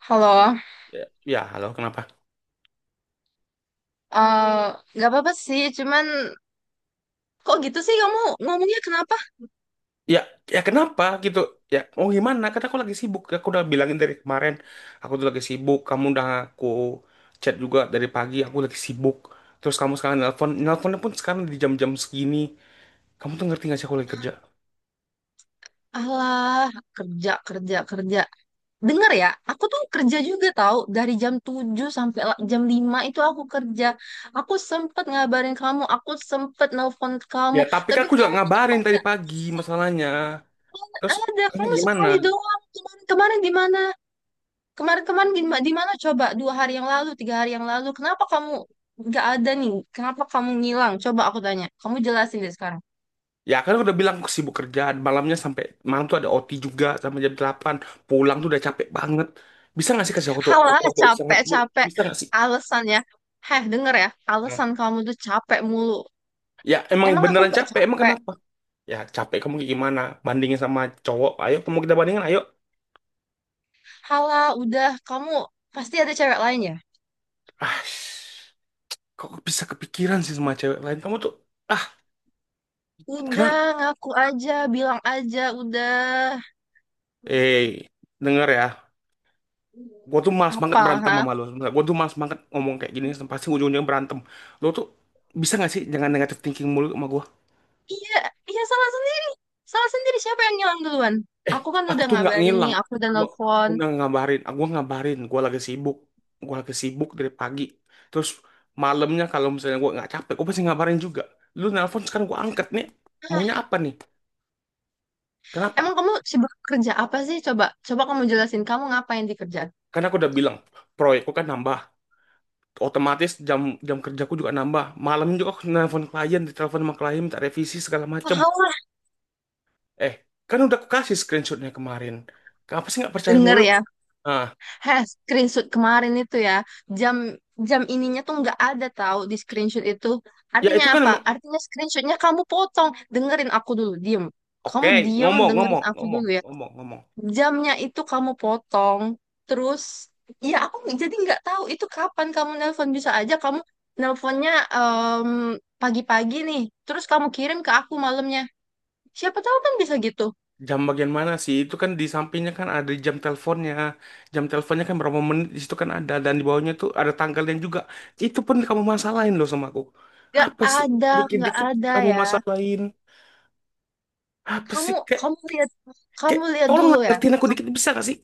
Halo, Ya, ya, halo, kenapa? eh nggak apa-apa sih, cuman kok gitu sih kamu ngomongnya kenapa? Ya, ya, kenapa gitu? Ya, oh, gimana, kata aku lagi sibuk, aku udah bilangin dari kemarin. Aku tuh lagi sibuk, kamu udah, aku chat juga dari pagi, aku lagi sibuk. Terus kamu sekarang nelpon, nelponnya pun sekarang di jam-jam segini. Kamu tuh ngerti gak sih aku lagi kerja? Alah, kerja, kerja, kerja. Dengar ya, aku tuh kerja juga tahu dari jam 7 sampai jam 5 itu aku kerja. Aku sempet ngabarin kamu, aku sempet nelpon kamu, Ya tapi kan tapi aku juga kamu kenapa ngabarin tadi nggak pagi bisa? masalahnya. Terus Ada, ini kamu gimana? sekali doang. Kemarin-kemarin di mana? Kemarin-kemarin di mana coba? Dua hari yang lalu, tiga hari yang lalu. Kenapa kamu nggak ada nih? Kenapa kamu ngilang? Coba aku tanya. Kamu jelasin deh sekarang. Ya kan aku udah bilang aku sibuk kerja, malamnya sampai malam tuh ada OT juga sampai jam 8. Pulang tuh udah capek banget, bisa gak sih kasih aku tuh aku Halah, waktu istirahat bu? capek-capek. Bisa gak sih? Alasannya. Heh, denger ya. Nah, Alasan kamu tuh capek mulu. ya emang Emang aku beneran nggak capek, emang capek? kenapa? Ya capek kamu kayak gimana? Bandingin sama cowok, ayo kamu kita bandingin, ayo. Halah, udah. Kamu pasti ada cewek lain ya? Ah, kok bisa kepikiran sih sama cewek lain? Kamu tuh, ah, Udah, kenapa? ngaku aja. Bilang aja, udah. Eh, denger ya, gue tuh malas banget Apa, berantem ha? sama lo. Gue tuh malas banget ngomong kayak gini, pasti ujung-ujungnya berantem. Lo tuh bisa gak sih jangan negatif thinking mulu sama gue? Iya, iya, salah sendiri. Salah sendiri siapa yang ngilang duluan? Eh, Aku kan aku udah tuh nggak ngabarin ngilang, nih, aku udah gua, aku nelfon. udah ngabarin, aku ngabarin gua lagi sibuk. Gua lagi sibuk dari pagi. Terus malamnya kalau misalnya gua nggak capek gua pasti ngabarin juga. Lu nelpon sekarang gua angkat nih, maunya Ah, apa nih, emang kenapa? kamu sibuk kerja apa sih? Coba, coba kamu jelasin kamu ngapain di kerjaan. Karena aku udah bilang proyekku kan nambah, otomatis jam jam kerjaku juga nambah, malam juga aku nelpon klien, ditelepon sama klien minta revisi segala macem. Tahu lah, Eh, kan udah aku kasih screenshotnya kemarin, kenapa sih nggak percaya denger mulu? ya. Ah, Heh, screenshot kemarin itu ya, jam jam ininya tuh nggak ada tahu di screenshot itu. ya Artinya itu kan apa? emang. Artinya screenshotnya kamu potong. Dengerin aku dulu, diem. Oke, Kamu diem, ngomong, dengerin ngomong, aku ngomong, dulu ya. ngomong, ngomong. Jamnya itu kamu potong, terus ya aku jadi nggak tahu itu kapan kamu nelpon, bisa aja kamu nelponnya em, pagi-pagi nih, terus kamu kirim ke aku malamnya, siapa tahu kan bisa gitu. Jam bagian mana sih? Itu kan di sampingnya kan ada jam teleponnya. Jam teleponnya kan berapa menit di situ kan ada, dan di bawahnya tuh ada tanggalnya juga. Itu pun kamu masalahin loh sama aku. Nggak Apa sih? ada, nggak Dikit-dikit ada kamu ya, masalahin. Apa kamu sih? Kayak kamu lihat kayak kamu lihat dulu tolonglah ya. ngertiin aku dikit, Kamu- bisa gak sih?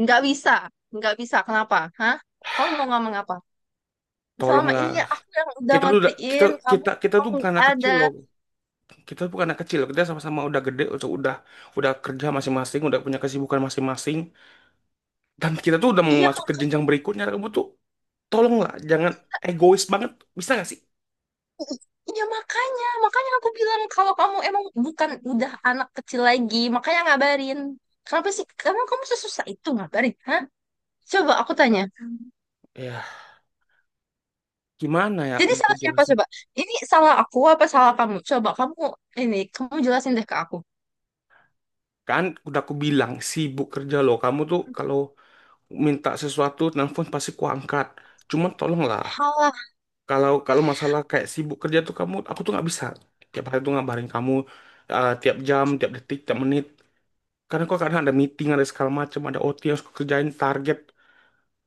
nggak bisa nggak bisa kenapa, hah? Kamu mau ngomong apa? Selama Tolonglah. ini ya, aku yang udah Kita tuh udah kita ngertiin kamu. kita tuh Kamu bukan nggak anak kecil ada. loh. Kita tuh bukan anak kecil loh. Kita sama-sama udah gede, udah kerja masing-masing, udah punya kesibukan masing-masing. Dan kita tuh udah mau Iya. masuk ke jenjang berikutnya. Kamu tuh tolonglah jangan egois banget, bisa nggak sih? Iya, makanya aku bilang kalau kamu emang bukan udah anak kecil lagi, makanya ngabarin. Kenapa sih? Karena kamu sesusah itu ngabarin, hah? Coba aku tanya. Ya gimana ya Jadi mau aku salah siapa jelasin? coba? Ini salah aku apa salah kamu? Coba kamu ini, kamu jelasin deh ke aku. Kan udah aku bilang sibuk kerja loh, kamu tuh kalau minta sesuatu nelfon pasti kuangkat, cuman tolonglah. Salah. Kalau kalau masalah kayak sibuk kerja tuh kamu, aku tuh nggak bisa tiap hari tuh ngabarin kamu, eh, tiap jam tiap detik tiap menit, karena kok kadang ada meeting ada segala macam ada OT yang harus aku kerjain target.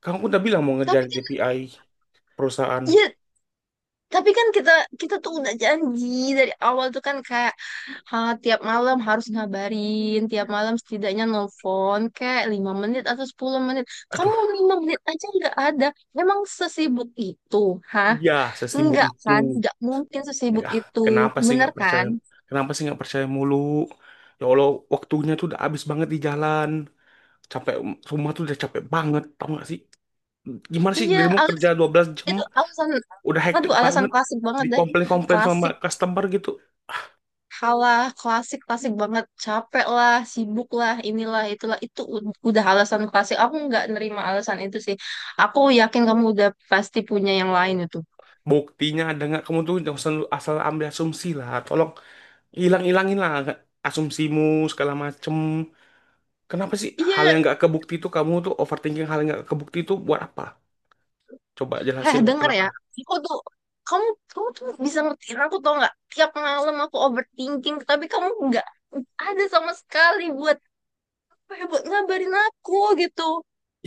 Kamu udah bilang mau Tapi ngerjain kan, KPI perusahaan. ya Tapi kan kita kita tuh udah janji dari awal tuh kan kayak, ha, tiap malam harus ngabarin, tiap malam setidaknya nelfon kayak 5 menit atau 10 menit. Kamu Aduh. 5 menit aja nggak ada. Memang sesibuk itu, hah? Iya, sesibuk Enggak itu. kan? Nggak mungkin sesibuk Ya, itu. kenapa sih Bener nggak percaya? kan? Kenapa sih nggak percaya mulu? Ya Allah, waktunya tuh udah habis banget di jalan. Capek, rumah tuh udah capek banget, tau nggak sih? Gimana sih Iya, dirimu kerja alasan 12 jam, itu alasan udah Aduh, hektik alasan banget. klasik banget deh. Dikomplain-komplain sama Klasik customer gitu. Halah, klasik klasik banget. Capek lah, sibuk lah, inilah itulah itu udah alasan klasik. Aku nggak nerima alasan itu sih. Aku yakin kamu udah pasti punya yang lain itu. Buktinya ada nggak? Kamu tuh jangan asal asal ambil asumsi lah. Tolong hilang-hilangin lah asumsimu segala macem. Kenapa sih hal yang Iya, nggak kebukti itu kamu tuh overthinking, hal yang nggak kebukti itu buat apa? Coba jelasin lah denger ya. kenapa. Aku tuh kamu kamu tuh bisa ngertiin aku, tau nggak? Tiap malam aku overthinking, tapi kamu nggak ada sama sekali buat, apa ya, buat ngabarin aku gitu.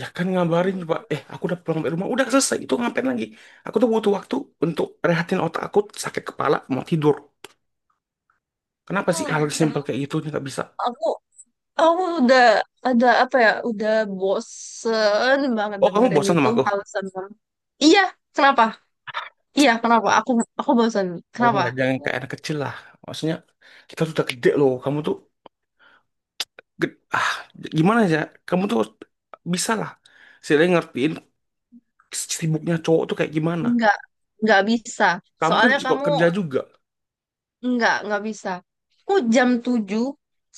Ya kan ngabarin coba, eh, aku udah pulang dari rumah, udah selesai, itu ngapain lagi? Aku tuh butuh waktu untuk rehatin otak aku, sakit kepala, mau tidur. Kenapa sih hal Alah, dah. simpel kayak gitu nggak bisa? aku Aku udah, apa ya? Udah bosen banget Oh, kamu dengerin bosan itu sama aku? alasan orang. Iya, kenapa? Iya, kenapa? Aku bosen. Kalau Kenapa? nggak jangan kayak anak kecil lah. Maksudnya kita tuh udah gede loh, kamu tuh ged- ah gimana ya? Kamu tuh bisa lah. Saya ngertiin sibuknya cowok tuh kayak gimana. Enggak, enggak bisa. Kamu kan Soalnya juga kamu kerja juga. Enggak bisa. Aku jam 7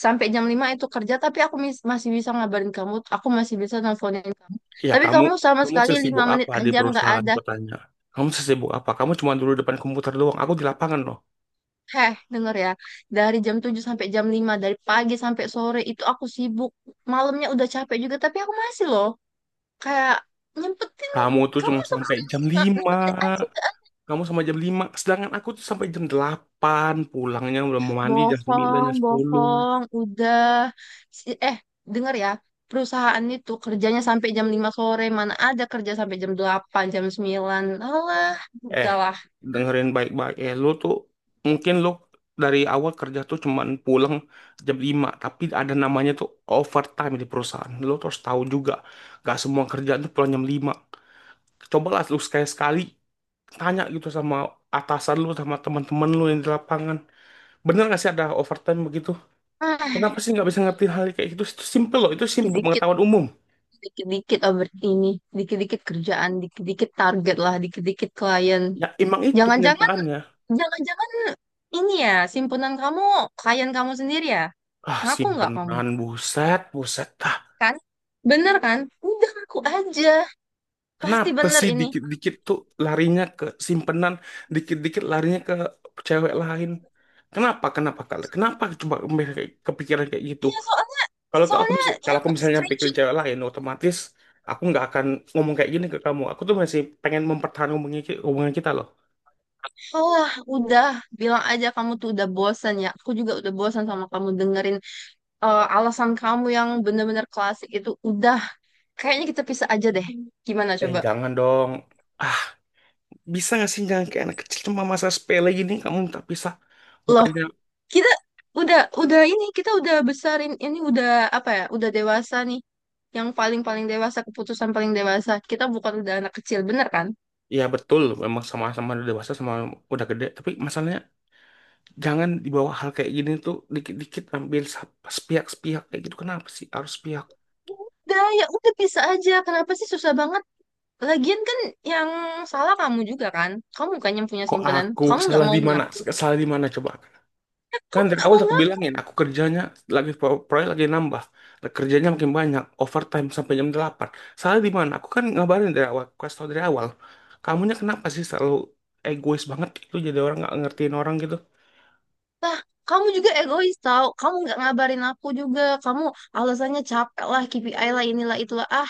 sampai jam 5 itu kerja, tapi aku masih bisa ngabarin kamu, aku masih bisa nelfonin kamu. Ya Tapi kamu kamu sama kamu sekali 5 sesibuk menit apa di aja enggak perusahaan ada. bertanya. Kamu sesibuk apa? Kamu cuma dulu depan komputer doang. Aku di lapangan loh. Heh, denger ya. Dari jam 7 sampai jam lima, dari pagi sampai sore itu aku sibuk. Malamnya udah capek juga, tapi aku masih loh. Kayak nyempetin, Kamu tuh kamu cuma sama sampai sekali jam lima lima lima menit aja nggak? Kamu sama jam 5, sedangkan aku tuh sampai jam 8. Pulangnya udah mau mandi jam 9, Bohong, jam 10. bohong, udah. Si- Eh, denger ya. Perusahaan itu kerjanya sampai jam 5 sore. Mana ada kerja sampai jam delapan, jam sembilan. Alah, Eh, udahlah. dengerin baik-baik. Eh, lu tuh mungkin lu dari awal kerja tuh cuman pulang jam 5. Tapi ada namanya tuh overtime di perusahaan. Lu tuh harus tahu juga. Gak semua kerjaan tuh pulang jam 5. Cobalah lu sekali-sekali tanya gitu sama atasan lu sama teman-teman lu yang di lapangan, bener gak sih ada overtime begitu? Ah, Kenapa sih nggak bisa ngerti hal kayak gitu? Itu simple loh, itu simple dikit pengetahuan umum. dikit-dikit over ini, dikit-dikit kerjaan, dikit-dikit target lah, dikit-dikit klien. Ya emang itu Jangan-jangan, kenyataannya. jangan-jangan ini ya, simpunan kamu, klien kamu sendiri ya? Ah, Ngaku nggak kamu? simpenan, buset, buset, ah! Kan? Bener kan? Udah ngaku aja. Pasti Kenapa bener sih ini. dikit-dikit tuh larinya ke simpenan, dikit-dikit larinya ke cewek lain? Kenapa, kenapa kali, kenapa coba mereka kepikiran kayak gitu? Iya soalnya, Kalau ke- aku soalnya mis- kalau yang aku misalnya pikirin screenshot. cewek lain, otomatis aku nggak akan ngomong kayak gini ke kamu. Aku tuh masih pengen mempertahankan hubungan kita loh. Allah, udah. Bilang aja kamu tuh udah bosan ya. Aku juga udah bosan sama kamu dengerin alasan kamu yang bener-bener klasik itu. Udah. Kayaknya kita pisah aja deh. Gimana Eh, coba? jangan dong. Ah, bisa nggak sih jangan kayak anak kecil, cuma masa sepele gini kamu minta pisah? Loh, Bukannya. kita udah ini, kita udah besarin ini, udah apa ya? Udah dewasa nih. Yang paling-paling dewasa, keputusan paling dewasa. Kita bukan udah anak kecil, bener kan? Ya betul memang sama-sama udah dewasa, sama udah gede. Tapi masalahnya jangan dibawa hal kayak gini tuh dikit-dikit ambil sepihak-sepihak kayak gitu. Kenapa sih harus sepihak? Udah, ya udah bisa aja. Kenapa sih susah banget? Lagian kan yang salah kamu juga kan? Kamu bukan yang punya Kok simpanan. aku Kamu nggak salah mau di mana? ngaku. Salah di mana coba? Eh, Kan kamu dari nggak awal mau aku ngaku. bilangin, aku kerjanya lagi proyek lagi nambah, kerjanya makin banyak, overtime sampai jam 8. Salah di mana? Aku kan ngabarin dari awal, aku kasih tau dari awal. Kamunya kenapa sih selalu egois banget gitu, jadi orang nggak ngertiin orang gitu? Lah, kamu juga egois tau. Kamu nggak ngabarin aku juga. Kamu alasannya capek lah, KPI lah, inilah, itulah. Ah,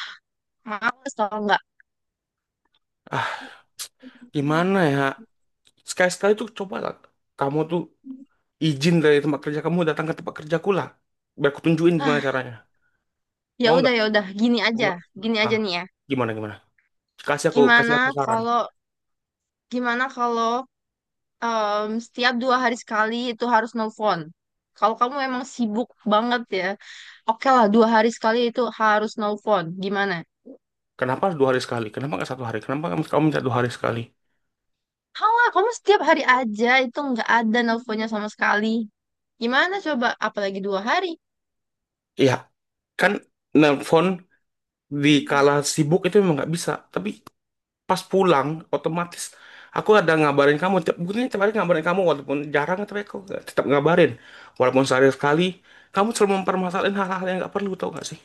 males tau nggak? Ah, gimana ya? Sekali-sekali tuh coba lah, kamu tuh izin dari tempat kerja kamu datang ke tempat kerjaku lah. Biar aku tunjukin gimana ah caranya. Ya Mau udah nggak? ya udah Mau nggak? gini Ah, aja nih ya. gimana gimana? Kasih aku, kasih Gimana aku saran. kalau gimana kalau setiap dua hari sekali itu harus nelfon. Kalau kamu emang sibuk banget ya, oke lah dua hari sekali itu harus nelfon. Gimana? Kenapa harus 2 hari sekali? Kenapa nggak satu hari? Kenapa kamu kamu minta 2 hari sekali? Halah, kamu setiap hari aja itu nggak ada nelfonnya sama sekali. Gimana coba? Apalagi dua hari. Ya, kan nelpon di kala sibuk itu memang nggak bisa, tapi pas pulang otomatis aku ada ngabarin kamu tiap, bukannya tiap hari ngabarin kamu, walaupun jarang tapi aku tetap ngabarin walaupun sehari sekali. Kamu selalu mempermasalahin hal-hal yang nggak perlu, tau gak sih?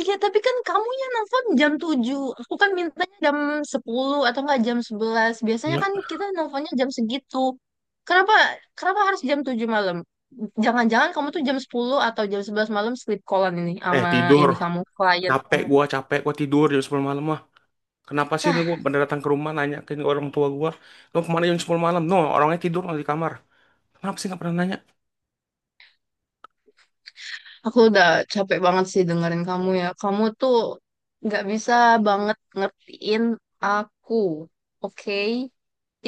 Iya, tapi kan kamu yang nelfon jam 7. Aku kan mintanya jam 10 atau enggak jam 11. Biasanya Iya. kan kita nelfonnya jam segitu. Kenapa kenapa harus jam 7 malam? Jangan-jangan kamu tuh jam 10 atau jam 11 malam sleep callan ini Eh, sama tidur, ini, kamu, klien capek kamu. gua, capek gua tidur jam 10 malam mah. Kenapa sih lu Ah, bener datang ke rumah nanya ke orang tua gua lu kemana jam 10 malam? No, orangnya tidur di kamar. Kenapa sih nggak pernah nanya? aku udah capek banget sih dengerin kamu ya. Kamu tuh nggak bisa banget ngertiin aku, oke?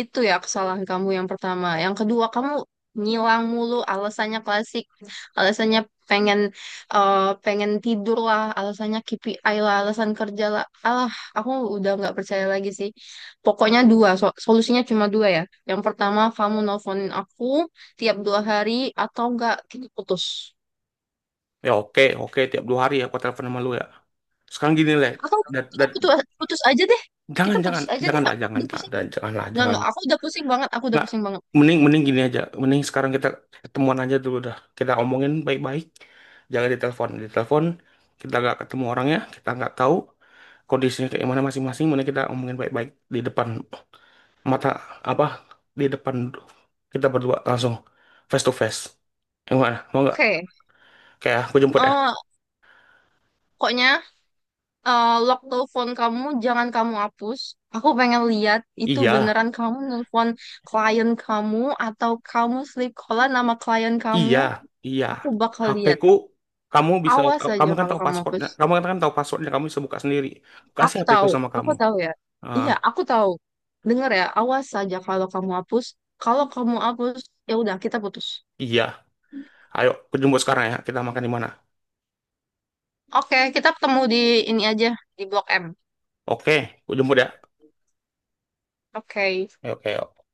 Itu ya kesalahan kamu yang pertama. Yang kedua, kamu ngilang mulu alasannya klasik. Alasannya pengen eh, pengen tidur lah, alasannya KPI lah, alasan kerja lah. Alah, aku udah nggak percaya lagi sih. Pokoknya dua, solusinya cuma dua ya. Yang pertama, kamu nelfonin aku tiap dua hari atau enggak kita putus. Ya, oke, oke, tiap 2 hari ya aku telepon sama lu ya. Sekarang gini leh. Atau kita putus putus aja deh. Jangan, Kita jangan, putus aja deh. janganlah, Aku jangan, udah pusing. jangan, janganlah, Nggak, jangan. nggak. Aku udah pusing banget, aku udah Nggak, pusing banget. mending, mending gini aja. Mending sekarang kita ketemuan aja dulu dah. Kita omongin baik-baik. Jangan ditelepon. Ditelepon, kita nggak ketemu orangnya, kita nggak tahu kondisinya kayak mana masing-masing. Mending kita omongin baik-baik di depan mata apa? Di depan kita berdua langsung face to face. Yang mana? Mau nggak? Oke. Kayak aku jemput ya? eh Pokoknya lock telepon kamu, jangan kamu hapus. Aku pengen lihat itu Iya. beneran kamu nelpon klien kamu atau kamu sleep callan nama klien kamu. Iya, iya. Aku bakal lihat. HPku kamu bisa Awas tahu, aja kamu kan kalau tahu kamu hapus. pasportnya, kamu kan tahu passwordnya, kamu bisa buka sendiri. Kasih Aku HPku tahu, sama kamu. aku tahu ya. Ah, Iya, aku tahu. Dengar ya, awas aja kalau kamu hapus. Kalau kamu hapus, ya udah kita putus. iya. Ayo, aku jemput sekarang ya. Kita makan di mana? Oke, kita ketemu di ini aja di Blok M. Oke, aku jemput ya. Oke. Oke, oke.